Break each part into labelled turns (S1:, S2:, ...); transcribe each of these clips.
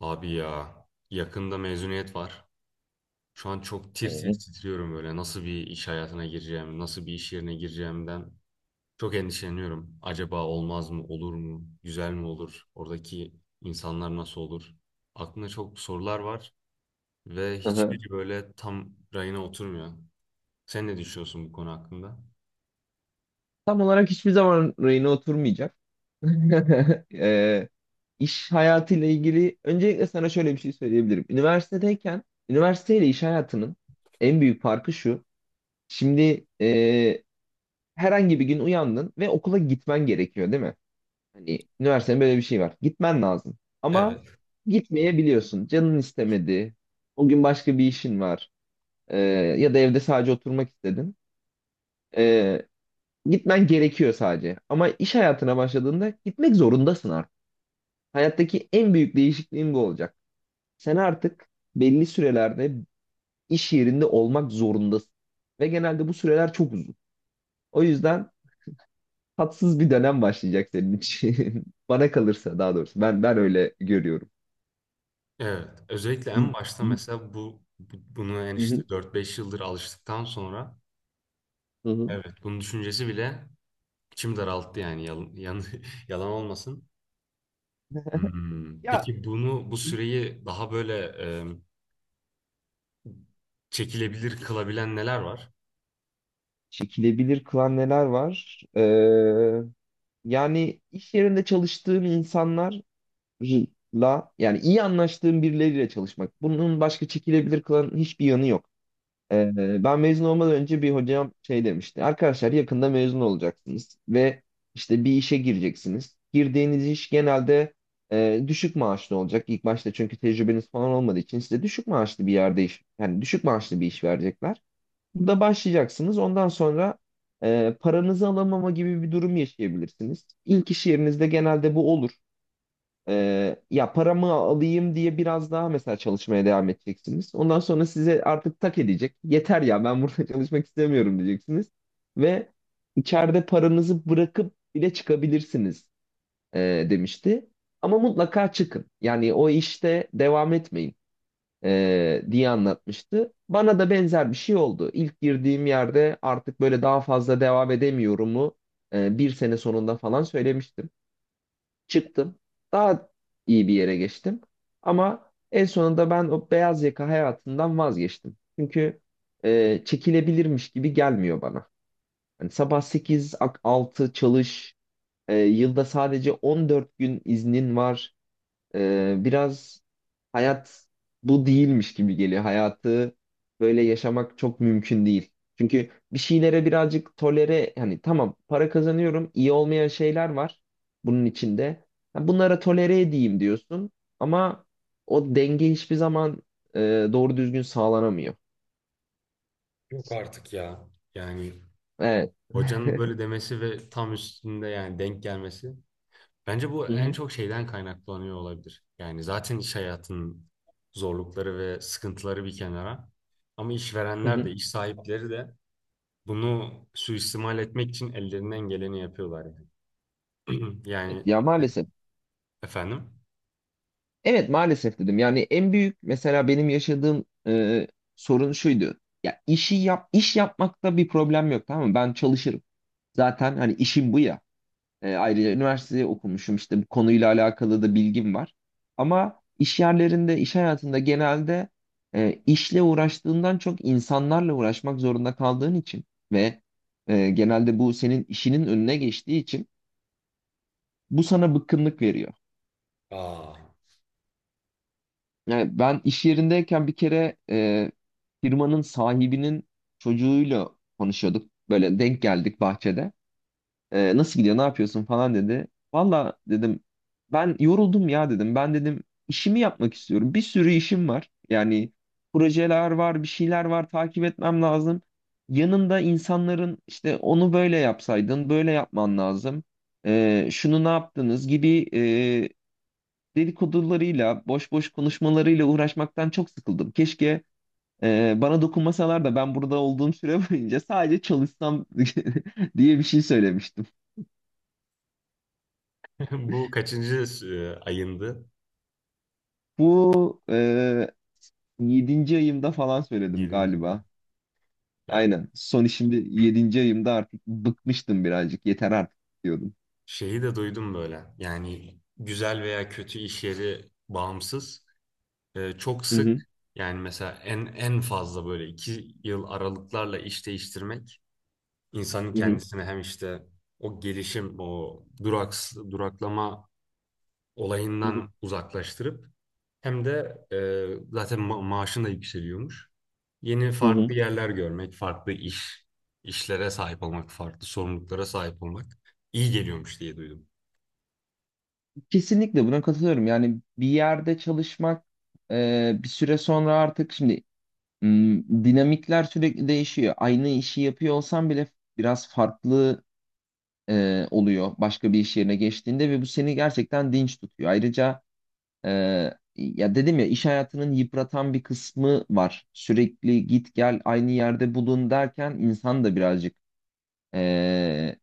S1: Abi ya, yakında mezuniyet var. Şu an çok
S2: Hı
S1: tir tir
S2: hı.
S1: titriyorum böyle. Nasıl bir iş hayatına gireceğim, nasıl bir iş yerine gireceğimden çok endişeleniyorum. Acaba olmaz mı, olur mu, güzel mi olur, oradaki insanlar nasıl olur? Aklımda çok sorular var ve
S2: Hı hı.
S1: hiçbiri böyle tam rayına oturmuyor. Sen ne düşünüyorsun bu konu hakkında?
S2: Tam olarak hiçbir zaman rayına oturmayacak. Eee iş hayatıyla ilgili öncelikle sana şöyle bir şey söyleyebilirim. Üniversitedeyken üniversiteyle iş hayatının en büyük farkı şu. Şimdi herhangi bir gün uyandın ve okula gitmen gerekiyor, değil mi? Hani üniversitede böyle bir şey var. Gitmen lazım. Ama
S1: Evet.
S2: gitmeyebiliyorsun. Canın istemedi. O gün başka bir işin var. Eee, Ya da evde sadece oturmak istedin. Ee, Gitmen gerekiyor sadece. Ama iş hayatına başladığında gitmek zorundasın artık. Hayattaki en büyük değişikliğin bu olacak. Sen artık belli sürelerde iş yerinde olmak zorundasın. Ve genelde bu süreler çok uzun. O yüzden tatsız bir dönem başlayacak senin için. Bana kalırsa daha doğrusu. Ben öyle görüyorum.
S1: Evet. Özellikle
S2: Hı
S1: en başta
S2: hı.
S1: mesela bunu en
S2: Hı hı.
S1: işte 4-5 yıldır alıştıktan sonra
S2: Hı.
S1: evet bunun düşüncesi bile İçim daralttı yani yalan, yalan olmasın.
S2: Ya
S1: Peki bunu bu süreyi daha böyle e, çekilebilir kılabilen neler var?
S2: çekilebilir kılan neler var? Yani iş yerinde çalıştığım insanlar la yani iyi anlaştığım birileriyle çalışmak. Bunun başka çekilebilir kılan hiçbir yanı yok. Ee, Ben mezun olmadan önce bir hocam şey demişti. Arkadaşlar, yakında mezun olacaksınız ve işte bir işe gireceksiniz. Girdiğiniz iş genelde düşük maaşlı olacak. İlk başta, çünkü tecrübeniz falan olmadığı için size düşük maaşlı bir yerde iş, yani düşük maaşlı bir iş verecekler. Burada başlayacaksınız. Ondan sonra paranızı alamama gibi bir durum yaşayabilirsiniz. İlk iş yerinizde genelde bu olur. Ya paramı alayım diye biraz daha mesela çalışmaya devam edeceksiniz. Ondan sonra size artık tak edecek. Yeter ya, ben burada çalışmak istemiyorum diyeceksiniz. Ve içeride paranızı bırakıp bile çıkabilirsiniz, demişti. Ama mutlaka çıkın. Yani o işte devam etmeyin, diye anlatmıştı. Bana da benzer bir şey oldu. İlk girdiğim yerde artık böyle daha fazla devam edemiyorumu bir sene sonunda falan söylemiştim, çıktım. Daha iyi bir yere geçtim. Ama en sonunda ben o beyaz yaka hayatından vazgeçtim. Çünkü çekilebilirmiş gibi gelmiyor bana. Hani sabah 8-6 çalış, yılda sadece 14 gün iznin var. Biraz hayat bu değilmiş gibi geliyor. Hayatı böyle yaşamak çok mümkün değil. Çünkü bir şeylere birazcık tolere, hani tamam, para kazanıyorum, iyi olmayan şeyler var bunun içinde. Ha, bunlara tolere edeyim diyorsun ama o denge hiçbir zaman e, doğru düzgün sağlanamıyor.
S1: Yok artık ya. Yani
S2: Evet.
S1: hocanın böyle demesi ve tam üstünde yani denk gelmesi. Bence bu
S2: Hı
S1: en
S2: hı.
S1: çok şeyden kaynaklanıyor olabilir. Yani zaten iş hayatının zorlukları ve sıkıntıları bir kenara. Ama
S2: Hı
S1: işverenler
S2: hı.
S1: de, iş sahipleri de bunu suistimal etmek için ellerinden geleni yapıyorlar yani.
S2: Evet,
S1: Yani
S2: ya
S1: e,
S2: maalesef.
S1: efendim?
S2: Evet, maalesef dedim. Yani en büyük mesela benim yaşadığım sorun şuydu. Ya işi yap, iş yapmakta bir problem yok, tamam mı? Ben çalışırım. Zaten hani işim bu ya. Ayrıca üniversiteye okumuşum, işte bu konuyla alakalı da bilgim var. Ama iş yerlerinde, iş hayatında genelde işle uğraştığından çok insanlarla uğraşmak zorunda kaldığın için ve genelde bu senin işinin önüne geçtiği için bu sana bıkkınlık veriyor.
S1: Aa.
S2: Yani ben iş yerindeyken bir kere firmanın sahibinin çocuğuyla konuşuyorduk. Böyle denk geldik bahçede. Nasıl gidiyor, ne yapıyorsun falan dedi. Valla dedim, ben yoruldum ya dedim. Ben dedim işimi yapmak istiyorum. Bir sürü işim var. Yani projeler var, bir şeyler var, takip etmem lazım. Yanında insanların işte onu böyle yapsaydın, böyle yapman lazım, şunu ne yaptınız gibi dedikodularıyla, boş boş konuşmalarıyla uğraşmaktan çok sıkıldım. Keşke bana dokunmasalar da ben burada olduğum süre boyunca sadece çalışsam diye bir şey söylemiştim.
S1: Bu kaçıncı ayındı?
S2: Bu 7. ayımda falan söyledim
S1: Yedinci ay.
S2: galiba.
S1: Ya,
S2: Aynen. Son işimde yedinci ayımda artık bıkmıştım birazcık. Yeter artık diyordum.
S1: şeyi de duydum böyle. Yani güzel veya kötü iş yeri bağımsız. E, çok
S2: Hı hı,
S1: sık yani mesela en fazla böyle iki yıl aralıklarla iş değiştirmek insanın
S2: hı hı,
S1: kendisini hem işte o gelişim, o duraks duraklama
S2: hı hı.
S1: olayından uzaklaştırıp hem de zaten maaşın da yükseliyormuş. Yeni
S2: Hı
S1: farklı
S2: hı.
S1: yerler görmek, farklı iş, işlere sahip olmak, farklı sorumluluklara sahip olmak iyi geliyormuş diye duydum.
S2: Kesinlikle buna katılıyorum. Yani bir yerde çalışmak bir süre sonra artık şimdi dinamikler sürekli değişiyor. Aynı işi yapıyor olsan bile biraz farklı oluyor başka bir iş yerine geçtiğinde ve bu seni gerçekten dinç tutuyor. Ayrıca e, ya dedim ya, iş hayatının yıpratan bir kısmı var. Sürekli git gel, aynı yerde bulun derken insan da birazcık e,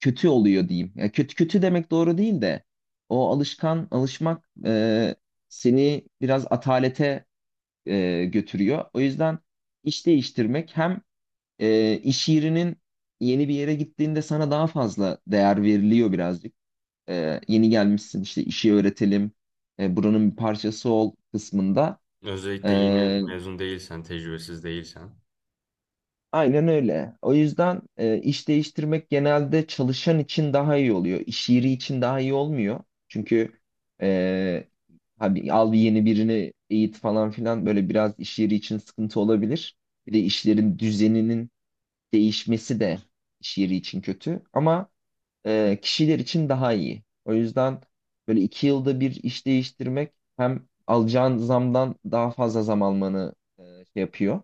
S2: kötü oluyor diyeyim. Ya kötü kötü demek doğru değil de o alışmak seni biraz atalete götürüyor. O yüzden iş değiştirmek, hem iş yerinin yeni bir yere gittiğinde sana daha fazla değer veriliyor birazcık. Yeni gelmişsin işte, işi öğretelim, buranın bir parçası ol kısmında.
S1: Özellikle yeni
S2: E,
S1: mezun değilsen, tecrübesiz değilsen.
S2: aynen öyle. O yüzden iş değiştirmek genelde çalışan için daha iyi oluyor. İş yeri için daha iyi olmuyor. Çünkü e, abi, al bir yeni birini eğit falan filan, böyle biraz iş yeri için sıkıntı olabilir. Bir de işlerin düzeninin değişmesi de iş yeri için kötü. Ama kişiler için daha iyi. O yüzden böyle 2 yılda bir iş değiştirmek, hem alacağın zamdan daha fazla zam almanı şey yapıyor,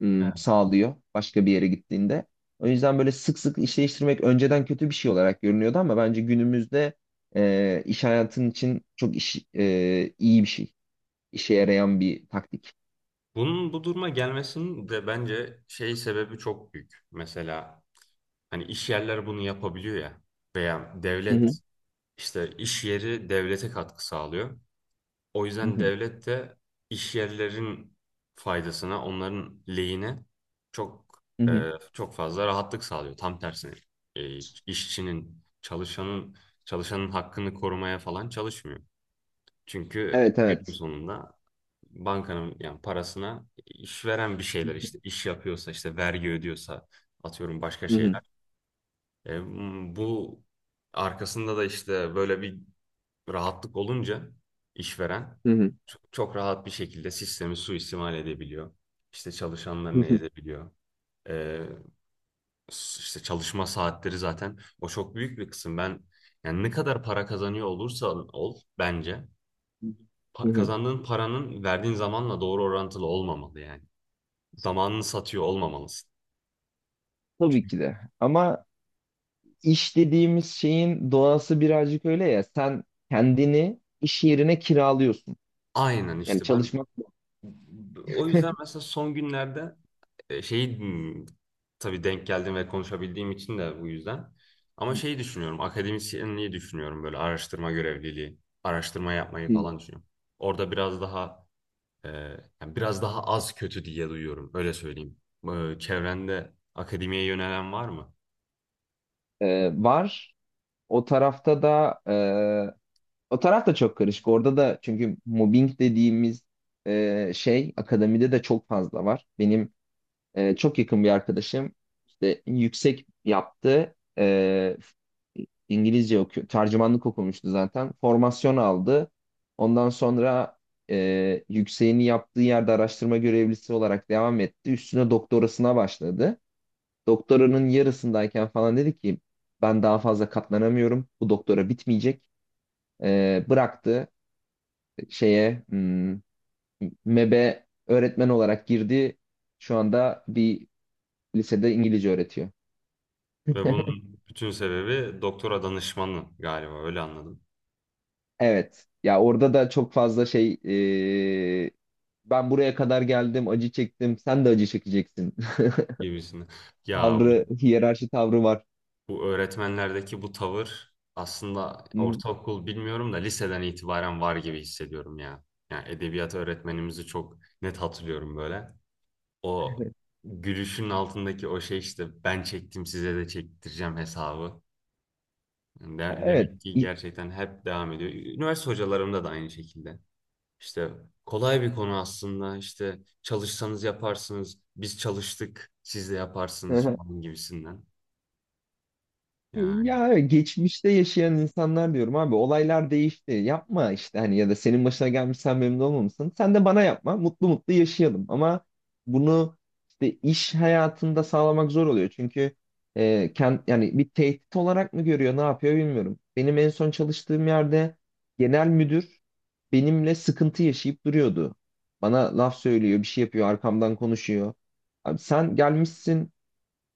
S1: Evet.
S2: sağlıyor başka bir yere gittiğinde. O yüzden böyle sık sık iş değiştirmek önceden kötü bir şey olarak görünüyordu ama bence günümüzde iş hayatın için çok iyi bir şey. İşe yarayan bir taktik.
S1: Bunun bu duruma gelmesinin de bence şey sebebi çok büyük. Mesela hani iş yerleri bunu yapabiliyor ya veya
S2: Hı hı,
S1: devlet işte iş yeri devlete katkı sağlıyor. O
S2: hı
S1: yüzden
S2: hı,
S1: devlet de iş yerlerin faydasına, onların lehine çok
S2: hı hı.
S1: çok fazla rahatlık sağlıyor. Tam tersine e, işçinin, çalışanın hakkını korumaya falan çalışmıyor. Çünkü
S2: Evet,
S1: günün
S2: evet.
S1: sonunda bankanın yani parasına işveren bir
S2: Hı
S1: şeyler işte iş yapıyorsa işte vergi ödüyorsa atıyorum başka
S2: hı,
S1: şeyler. E, bu arkasında da işte böyle bir rahatlık olunca işveren
S2: hı hı,
S1: çok rahat bir şekilde sistemi suistimal edebiliyor. İşte
S2: hı
S1: çalışanlarını
S2: hı,
S1: ezebiliyor. Ee, işte çalışma saatleri zaten o çok büyük bir kısım. Ben yani ne kadar para kazanıyor olursa ol bence
S2: hı hı, hı hı.
S1: kazandığın paranın verdiğin zamanla doğru orantılı olmamalı yani. Zamanını satıyor olmamalısın.
S2: Tabii ki de. Ama İş dediğimiz şeyin doğası birazcık öyle ya. Sen kendini iş yerine kiralıyorsun.
S1: Aynen
S2: Yani
S1: işte ben
S2: çalışmak.
S1: o yüzden mesela son günlerde e, şeyi hmm, tabii denk geldim ve konuşabildiğim için de bu yüzden. Ama şeyi düşünüyorum, akademisyenliği düşünüyorum böyle araştırma görevliliği, araştırma yapmayı falan düşünüyorum. Orada biraz daha e, yani biraz daha az kötü diye duyuyorum, öyle söyleyeyim. E, çevrende akademiye yönelen var mı?
S2: Var. O tarafta da e, O taraf da çok karışık. Orada da, çünkü mobbing dediğimiz şey, akademide de çok fazla var. Benim çok yakın bir arkadaşım işte yüksek yaptı. İngilizce okuyor. Tercümanlık okumuştu zaten. Formasyon aldı. Ondan sonra yükseğini yaptığı yerde araştırma görevlisi olarak devam etti. Üstüne doktorasına başladı. Doktoranın yarısındayken falan dedi ki ben daha fazla katlanamıyorum. Bu doktora bitmeyecek. Bıraktı, şeye hmm, MEB'e öğretmen olarak girdi. Şu anda bir lisede İngilizce öğretiyor.
S1: Ve bunun bütün sebebi doktora danışmanı galiba öyle anladım
S2: Evet. Ya orada da çok fazla şey, e, ben buraya kadar geldim, acı çektim, sen de acı çekeceksin.
S1: gibisini. Ya,
S2: Tavrı, hiyerarşi tavrı var.
S1: bu öğretmenlerdeki bu tavır aslında
S2: Hı.
S1: ortaokul bilmiyorum da liseden itibaren var gibi hissediyorum ya. Yani edebiyat öğretmenimizi çok net hatırlıyorum böyle. O gülüşün altındaki o şey işte ben çektim size de çektireceğim hesabı. Yani
S2: Evet.
S1: demek ki gerçekten hep devam ediyor. Üniversite hocalarımda da aynı şekilde. İşte kolay bir konu aslında. İşte çalışsanız yaparsınız. Biz çalıştık, siz de yaparsınız falan gibisinden. Yani,
S2: Ya evet, geçmişte yaşayan insanlar diyorum abi, olaylar değişti. Yapma işte, hani, ya da senin başına gelmiş, sen memnun olmamışsın. Sen de bana yapma. Mutlu mutlu yaşayalım. Ama bunu işte iş hayatında sağlamak zor oluyor. Çünkü yani bir tehdit olarak mı görüyor ne yapıyor bilmiyorum. Benim en son çalıştığım yerde genel müdür benimle sıkıntı yaşayıp duruyordu. Bana laf söylüyor, bir şey yapıyor, arkamdan konuşuyor. Abi sen gelmişsin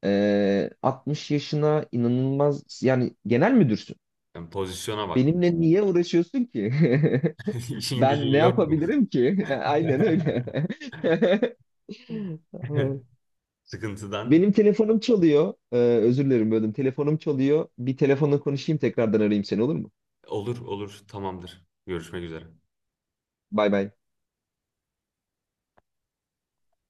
S2: 60 yaşına, inanılmaz, yani genel müdürsün.
S1: yani pozisyona bak.
S2: Benimle niye uğraşıyorsun ki?
S1: İşin
S2: Ben
S1: gücün
S2: ne
S1: yok mu?
S2: yapabilirim ki? Aynen öyle.
S1: Sıkıntıdan.
S2: Benim telefonum çalıyor. Özür dilerim, böldüm. Telefonum çalıyor. Bir telefonla konuşayım, tekrardan arayayım seni, olur mu?
S1: Olur olur, tamamdır. Görüşmek üzere.
S2: Bay bay.